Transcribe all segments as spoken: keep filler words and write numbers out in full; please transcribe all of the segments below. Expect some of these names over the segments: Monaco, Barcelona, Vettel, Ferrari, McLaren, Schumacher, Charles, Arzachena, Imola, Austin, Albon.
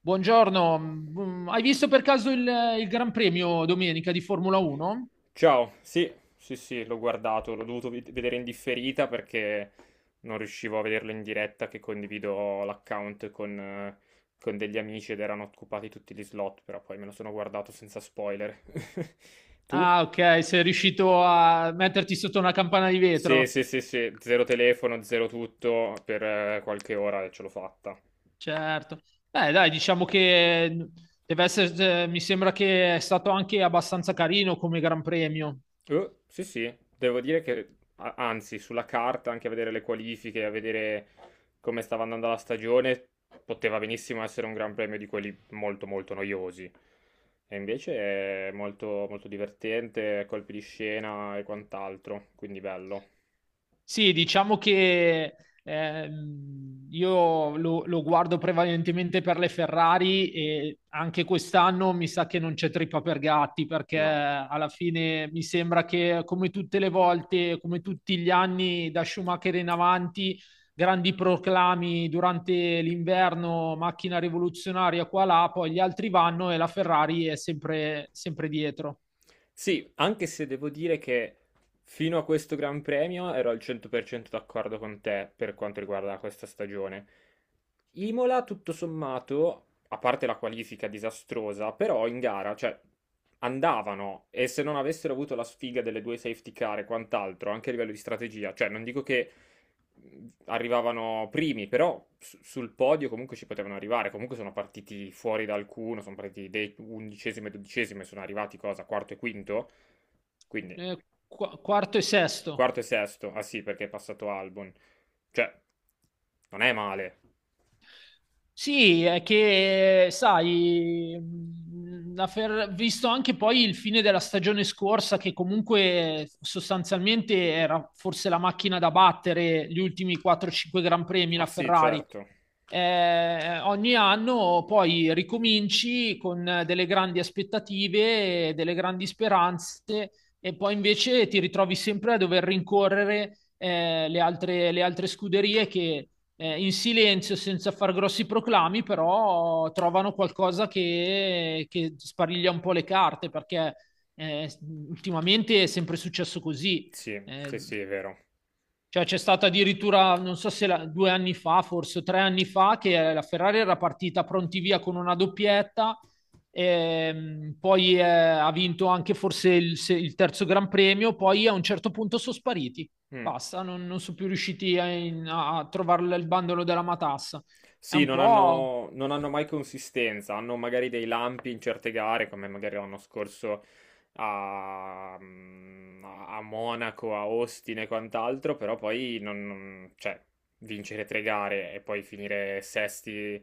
Buongiorno, mm, hai visto per caso il, il Gran Premio domenica di Formula uno? Ciao, sì, sì, sì, l'ho guardato, l'ho dovuto ved- vedere in differita perché non riuscivo a vederlo in diretta, che condivido l'account con, eh, con degli amici ed erano occupati tutti gli slot, però poi me lo sono guardato senza spoiler. Tu? Ah, ok, sei riuscito a metterti sotto una campana di Sì, vetro. sì, sì, sì, zero telefono, zero tutto, per eh, qualche ora e ce l'ho fatta. Certo. Beh, dai, diciamo che mm, deve essere, eh, mi sembra che è stato anche abbastanza carino come Gran Premio. Eh, sì, sì, devo dire che a- anzi, sulla carta, anche a vedere le qualifiche, a vedere come stava andando la stagione, poteva benissimo essere un gran premio di quelli molto, molto noiosi. E invece è molto, molto divertente, colpi di scena e quant'altro, quindi bello. Sì, diciamo che ehm, io lo, lo guardo prevalentemente per le Ferrari e anche quest'anno mi sa che non c'è trippa per gatti perché No. alla fine mi sembra che come tutte le volte, come tutti gli anni da Schumacher in avanti, grandi proclami durante l'inverno, macchina rivoluzionaria qua là, poi gli altri vanno e la Ferrari è sempre, sempre dietro. Sì, anche se devo dire che fino a questo Gran Premio ero al cento per cento d'accordo con te per quanto riguarda questa stagione. Imola, tutto sommato, a parte la qualifica disastrosa, però in gara, cioè, andavano e se non avessero avuto la sfiga delle due safety car e quant'altro, anche a livello di strategia, cioè, non dico che arrivavano primi, però su- sul podio comunque ci potevano arrivare. Comunque sono partiti fuori da alcuno, sono partiti de- undicesimo e dodicesimo e sono arrivati cosa? Quarto e quinto? Quindi Eh, qu- quarto e sesto. quarto e sesto. Ah sì, perché è passato Albon. Cioè, non è male. Sì, è che, sai, mh, la Fer- visto anche poi il fine della stagione scorsa, che comunque sostanzialmente era forse la macchina da battere gli ultimi quattro cinque Gran Premi, Ah la sì, Ferrari. certo. Eh, ogni anno poi ricominci con delle grandi aspettative, delle grandi speranze, e poi invece ti ritrovi sempre a dover rincorrere eh, le altre, le altre scuderie che eh, in silenzio, senza far grossi proclami, però trovano qualcosa che, che spariglia un po' le carte, perché eh, ultimamente è sempre successo così. Sì, Eh, sì, sì, è vero. cioè c'è stata addirittura, non so se la- due anni fa, forse tre anni fa, che la Ferrari era partita pronti via con una doppietta, ehm, poi eh, ha vinto anche forse il, se- il terzo Gran Premio, poi a un certo punto sono spariti. Mm. Basta, non, non sono più riusciti a, in- a- a trovare il bandolo della matassa. È Sì, un non po'. hanno, non hanno mai consistenza, hanno magari dei lampi in certe gare, come magari l'anno scorso a, mm, a Monaco, a Austin e quant'altro, però poi non, non- cioè, vincere tre gare e poi finire sesti,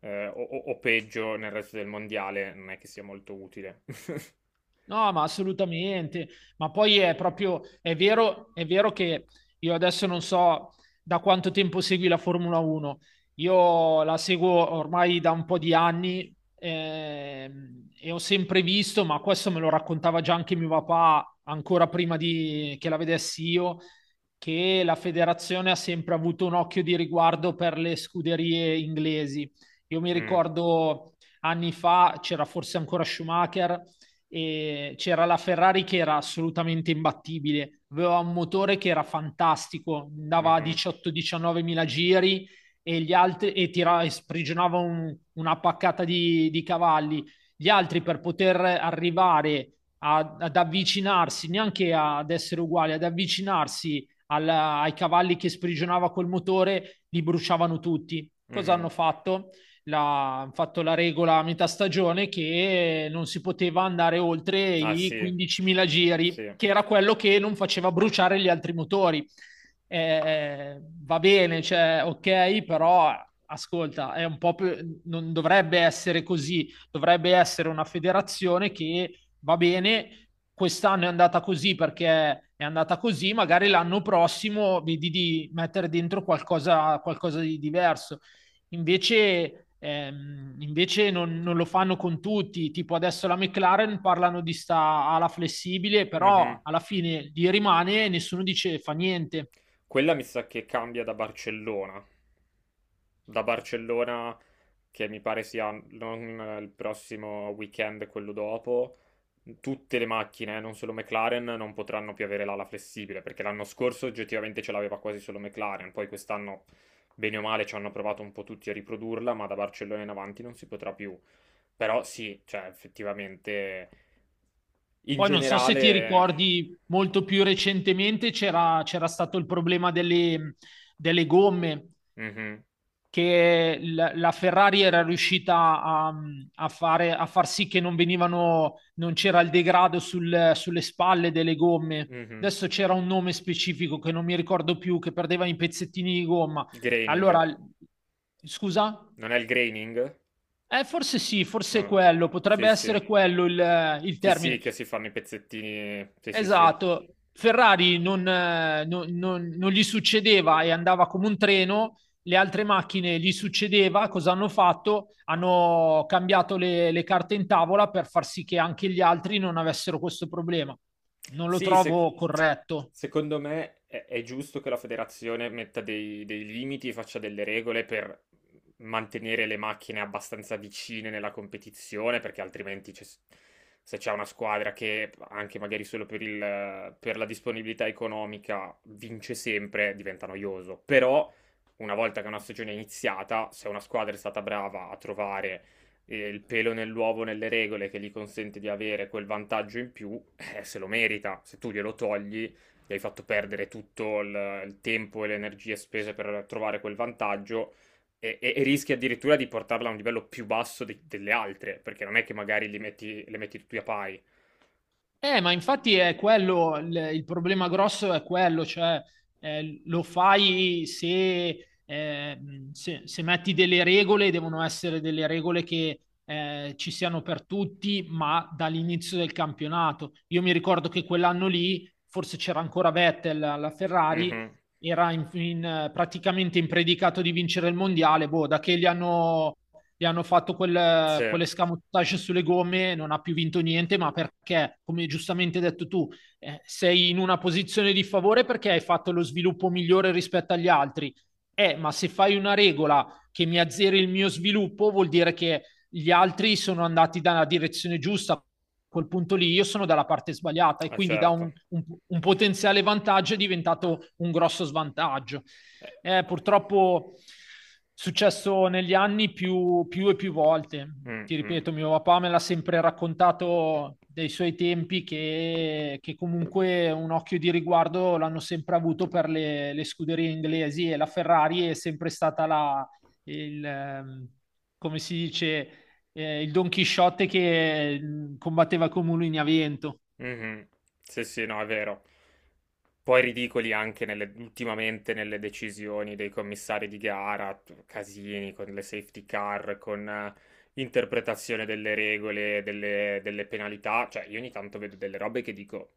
eh, o, o- o peggio nel resto del mondiale non è che sia molto utile. No, ma assolutamente. Ma poi è proprio, è vero, è vero che io adesso non so da quanto tempo segui la Formula uno. Io la seguo ormai da un po' di anni ehm, e ho sempre visto, ma questo me lo raccontava già anche mio papà, ancora prima di, che la vedessi io, che la federazione ha sempre avuto un occhio di riguardo per le scuderie inglesi. Io mi Mm, ricordo anni fa c'era forse ancora Schumacher e c'era la Ferrari che era assolutamente imbattibile, aveva un motore che era fantastico, andava a mhm, diciotto diciannove mila giri e, gli altri, e, tirava, e sprigionava un- una paccata di, di cavalli. Gli altri per poter arrivare a- ad avvicinarsi, neanche ad essere uguali, ad avvicinarsi alla- ai cavalli che sprigionava col motore, li bruciavano tutti. Cosa hanno mhm. fatto? La, hanno fatto la regola a metà stagione che non si poteva andare oltre Ah i sì, quindicimila giri, sì. che era quello che non faceva bruciare gli altri motori. Eh, va bene, cioè, ok, però ascolta, è un po' più, non dovrebbe essere così, dovrebbe essere una federazione che va bene, quest'anno è andata così perché è andata così, magari l'anno prossimo vedi di mettere dentro qualcosa, qualcosa di diverso. Invece, ehm, invece non, non lo fanno con tutti, tipo adesso la McLaren parlano di sta ala flessibile, però Mhm. alla fine gli rimane e nessuno dice fa niente. Quella mi sa che cambia da Barcellona. Da Barcellona, che mi pare sia non eh, il prossimo weekend, quello dopo, tutte le macchine, eh, non solo McLaren, non potranno più avere l'ala flessibile, perché l'anno scorso oggettivamente ce l'aveva quasi solo McLaren, poi quest'anno, bene o male, ci hanno provato un po' tutti a riprodurla, ma da Barcellona in avanti non si potrà più. Però sì, cioè effettivamente, in Poi non so se ti generale... ricordi, molto più recentemente c'era c'era stato il problema delle, delle gomme, eh, mhm, che l- la Ferrari era riuscita a, a fare, a far sì che non venivano, non c'era il degrado sul- sulle spalle delle gomme. mhm. Adesso c'era un nome specifico che non mi ricordo più, che perdeva i pezzettini di gomma. Graining. Allora, l- scusa? Non è il graining? Eh, forse sì, forse è Ah, quello, potrebbe sì, sì. essere quello il, il Sì, sì, termine. che si fanno i pezzettini. Sì, sì, sì. Esatto, Ferrari non, eh, non- non- non gli succedeva e andava come un treno, le altre macchine gli succedeva, cosa hanno fatto? Hanno cambiato le, le carte in tavola per far sì che anche gli altri non avessero questo problema. Non lo Sì, se- trovo corretto. secondo me è, è giusto che la federazione metta dei, dei limiti e faccia delle regole per mantenere le macchine abbastanza vicine nella competizione, perché altrimenti c'è- se c'è una squadra che anche magari solo per il- per la disponibilità economica vince sempre, diventa noioso. Però una volta che una stagione è iniziata, se una squadra è stata brava a trovare eh, il pelo nell'uovo nelle regole che gli consente di avere quel vantaggio in più, eh, se lo merita. Se tu glielo togli, gli hai fatto perdere tutto il, il tempo e le energie spese per trovare quel vantaggio e, e- e rischi addirittura di portarla a un livello più basso di- delle altre, perché non è che magari li metti, le metti tutti a pari. Eh, ma infatti è quello, il, il problema grosso è quello, cioè eh, lo fai se, eh, se- se metti delle regole, devono essere delle regole che eh, ci siano per tutti, ma dall'inizio del campionato. Io mi ricordo che quell'anno lì, forse c'era ancora Vettel alla Ferrari, Mhm. era in- in- praticamente impredicato di vincere il mondiale, boh, da che gli hanno gli hanno fatto Sì, quel, è quell'escamotage sulle gomme, non ha più vinto niente, ma perché, come giustamente hai detto tu, eh, sei in una posizione di favore perché hai fatto lo sviluppo migliore rispetto agli altri. Eh, ma se fai una regola che mi azzeri il mio sviluppo, vuol dire che gli altri sono andati dalla direzione giusta, quel punto lì io sono dalla parte sbagliata e quindi da un, certo. un- un potenziale vantaggio è diventato un grosso svantaggio. Eh, Eh, purtroppo è successo negli anni più, più e più volte. mm, Ti mm, ripeto, mio papà me l'ha sempre raccontato dei suoi tempi che, che comunque un occhio di riguardo l'hanno sempre avuto per le, le scuderie inglesi e la Ferrari è sempre stata la, il, ehm, come si dice, eh, il Don Chisciotte che eh, combatteva con mulini a vento. mhm. Sì, sì, no, è vero. Poi ridicoli anche nelle- ultimamente nelle decisioni dei commissari di gara, t- casini con le safety car, con eh, interpretazione delle regole, delle, delle penalità. Cioè, io ogni tanto vedo delle robe che dico,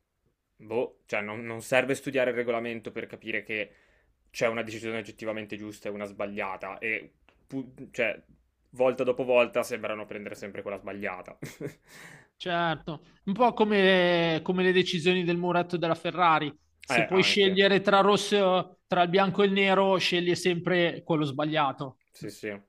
boh, cioè non, non serve studiare il regolamento per capire che c'è una decisione oggettivamente giusta e una sbagliata. E, pu- cioè, volta dopo volta sembrano prendere sempre quella sbagliata. Certo, un po' come, come le decisioni del muretto della Ferrari. Se Eh, puoi anche. scegliere tra rosso, tra il bianco e il nero, scegli sempre quello sbagliato. Sì, sì.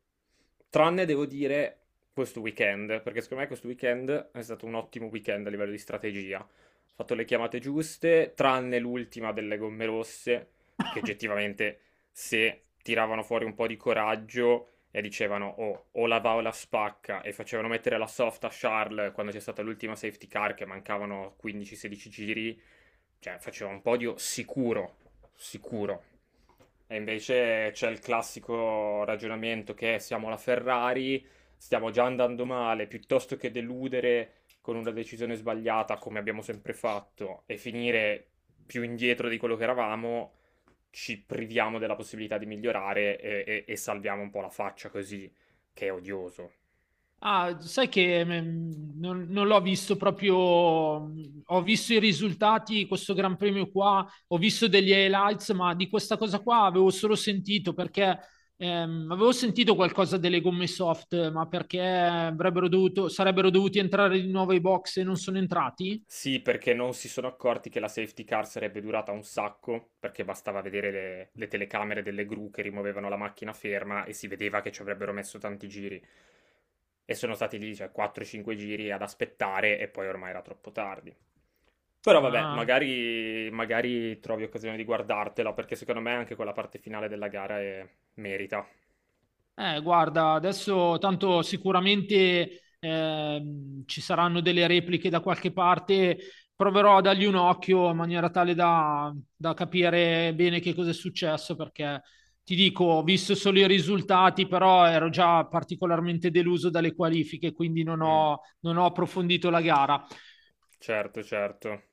Tranne devo dire questo weekend, perché secondo me questo weekend è stato un ottimo weekend a livello di strategia. Ho fatto le chiamate giuste, tranne l'ultima delle gomme rosse, perché oggettivamente se tiravano fuori un po' di coraggio e dicevano "Oh, o la va o la spacca" e facevano mettere la soft a Charles quando c'è stata l'ultima safety car che mancavano quindici a sedici giri, cioè faceva un podio sicuro, sicuro. E invece c'è il classico ragionamento che è, siamo la Ferrari, stiamo già andando male, piuttosto che deludere con una decisione sbagliata, come abbiamo sempre fatto, e finire più indietro di quello che eravamo, ci priviamo della possibilità di migliorare e, e- e salviamo un po' la faccia così, che è odioso. Ah, sai che mm, non, non l'ho visto proprio, mm, ho visto i risultati, questo Gran Premio qua, ho visto degli highlights, ma di questa cosa qua avevo solo sentito perché ehm, avevo sentito qualcosa delle gomme soft, ma perché avrebbero dovuto, sarebbero dovuti entrare di nuovo ai box e non sono entrati? Sì, perché non si sono accorti che la safety car sarebbe durata un sacco, perché bastava vedere le, le telecamere delle gru che rimuovevano la macchina ferma e si vedeva che ci avrebbero messo tanti giri. E sono stati lì, cioè, quattro a cinque giri ad aspettare e poi ormai era troppo tardi. Però vabbè, Ah. magari, magari trovi occasione di guardartelo, perché secondo me anche quella parte finale della gara è- merita. Eh, guarda, adesso tanto sicuramente ehm, ci saranno delle repliche da qualche parte. Proverò a dargli un occhio in maniera tale da, da capire bene che cosa è successo, perché ti dico, ho visto solo i risultati, però ero già particolarmente deluso dalle qualifiche, quindi non Mm, ho non ho approfondito la gara. certo, certo.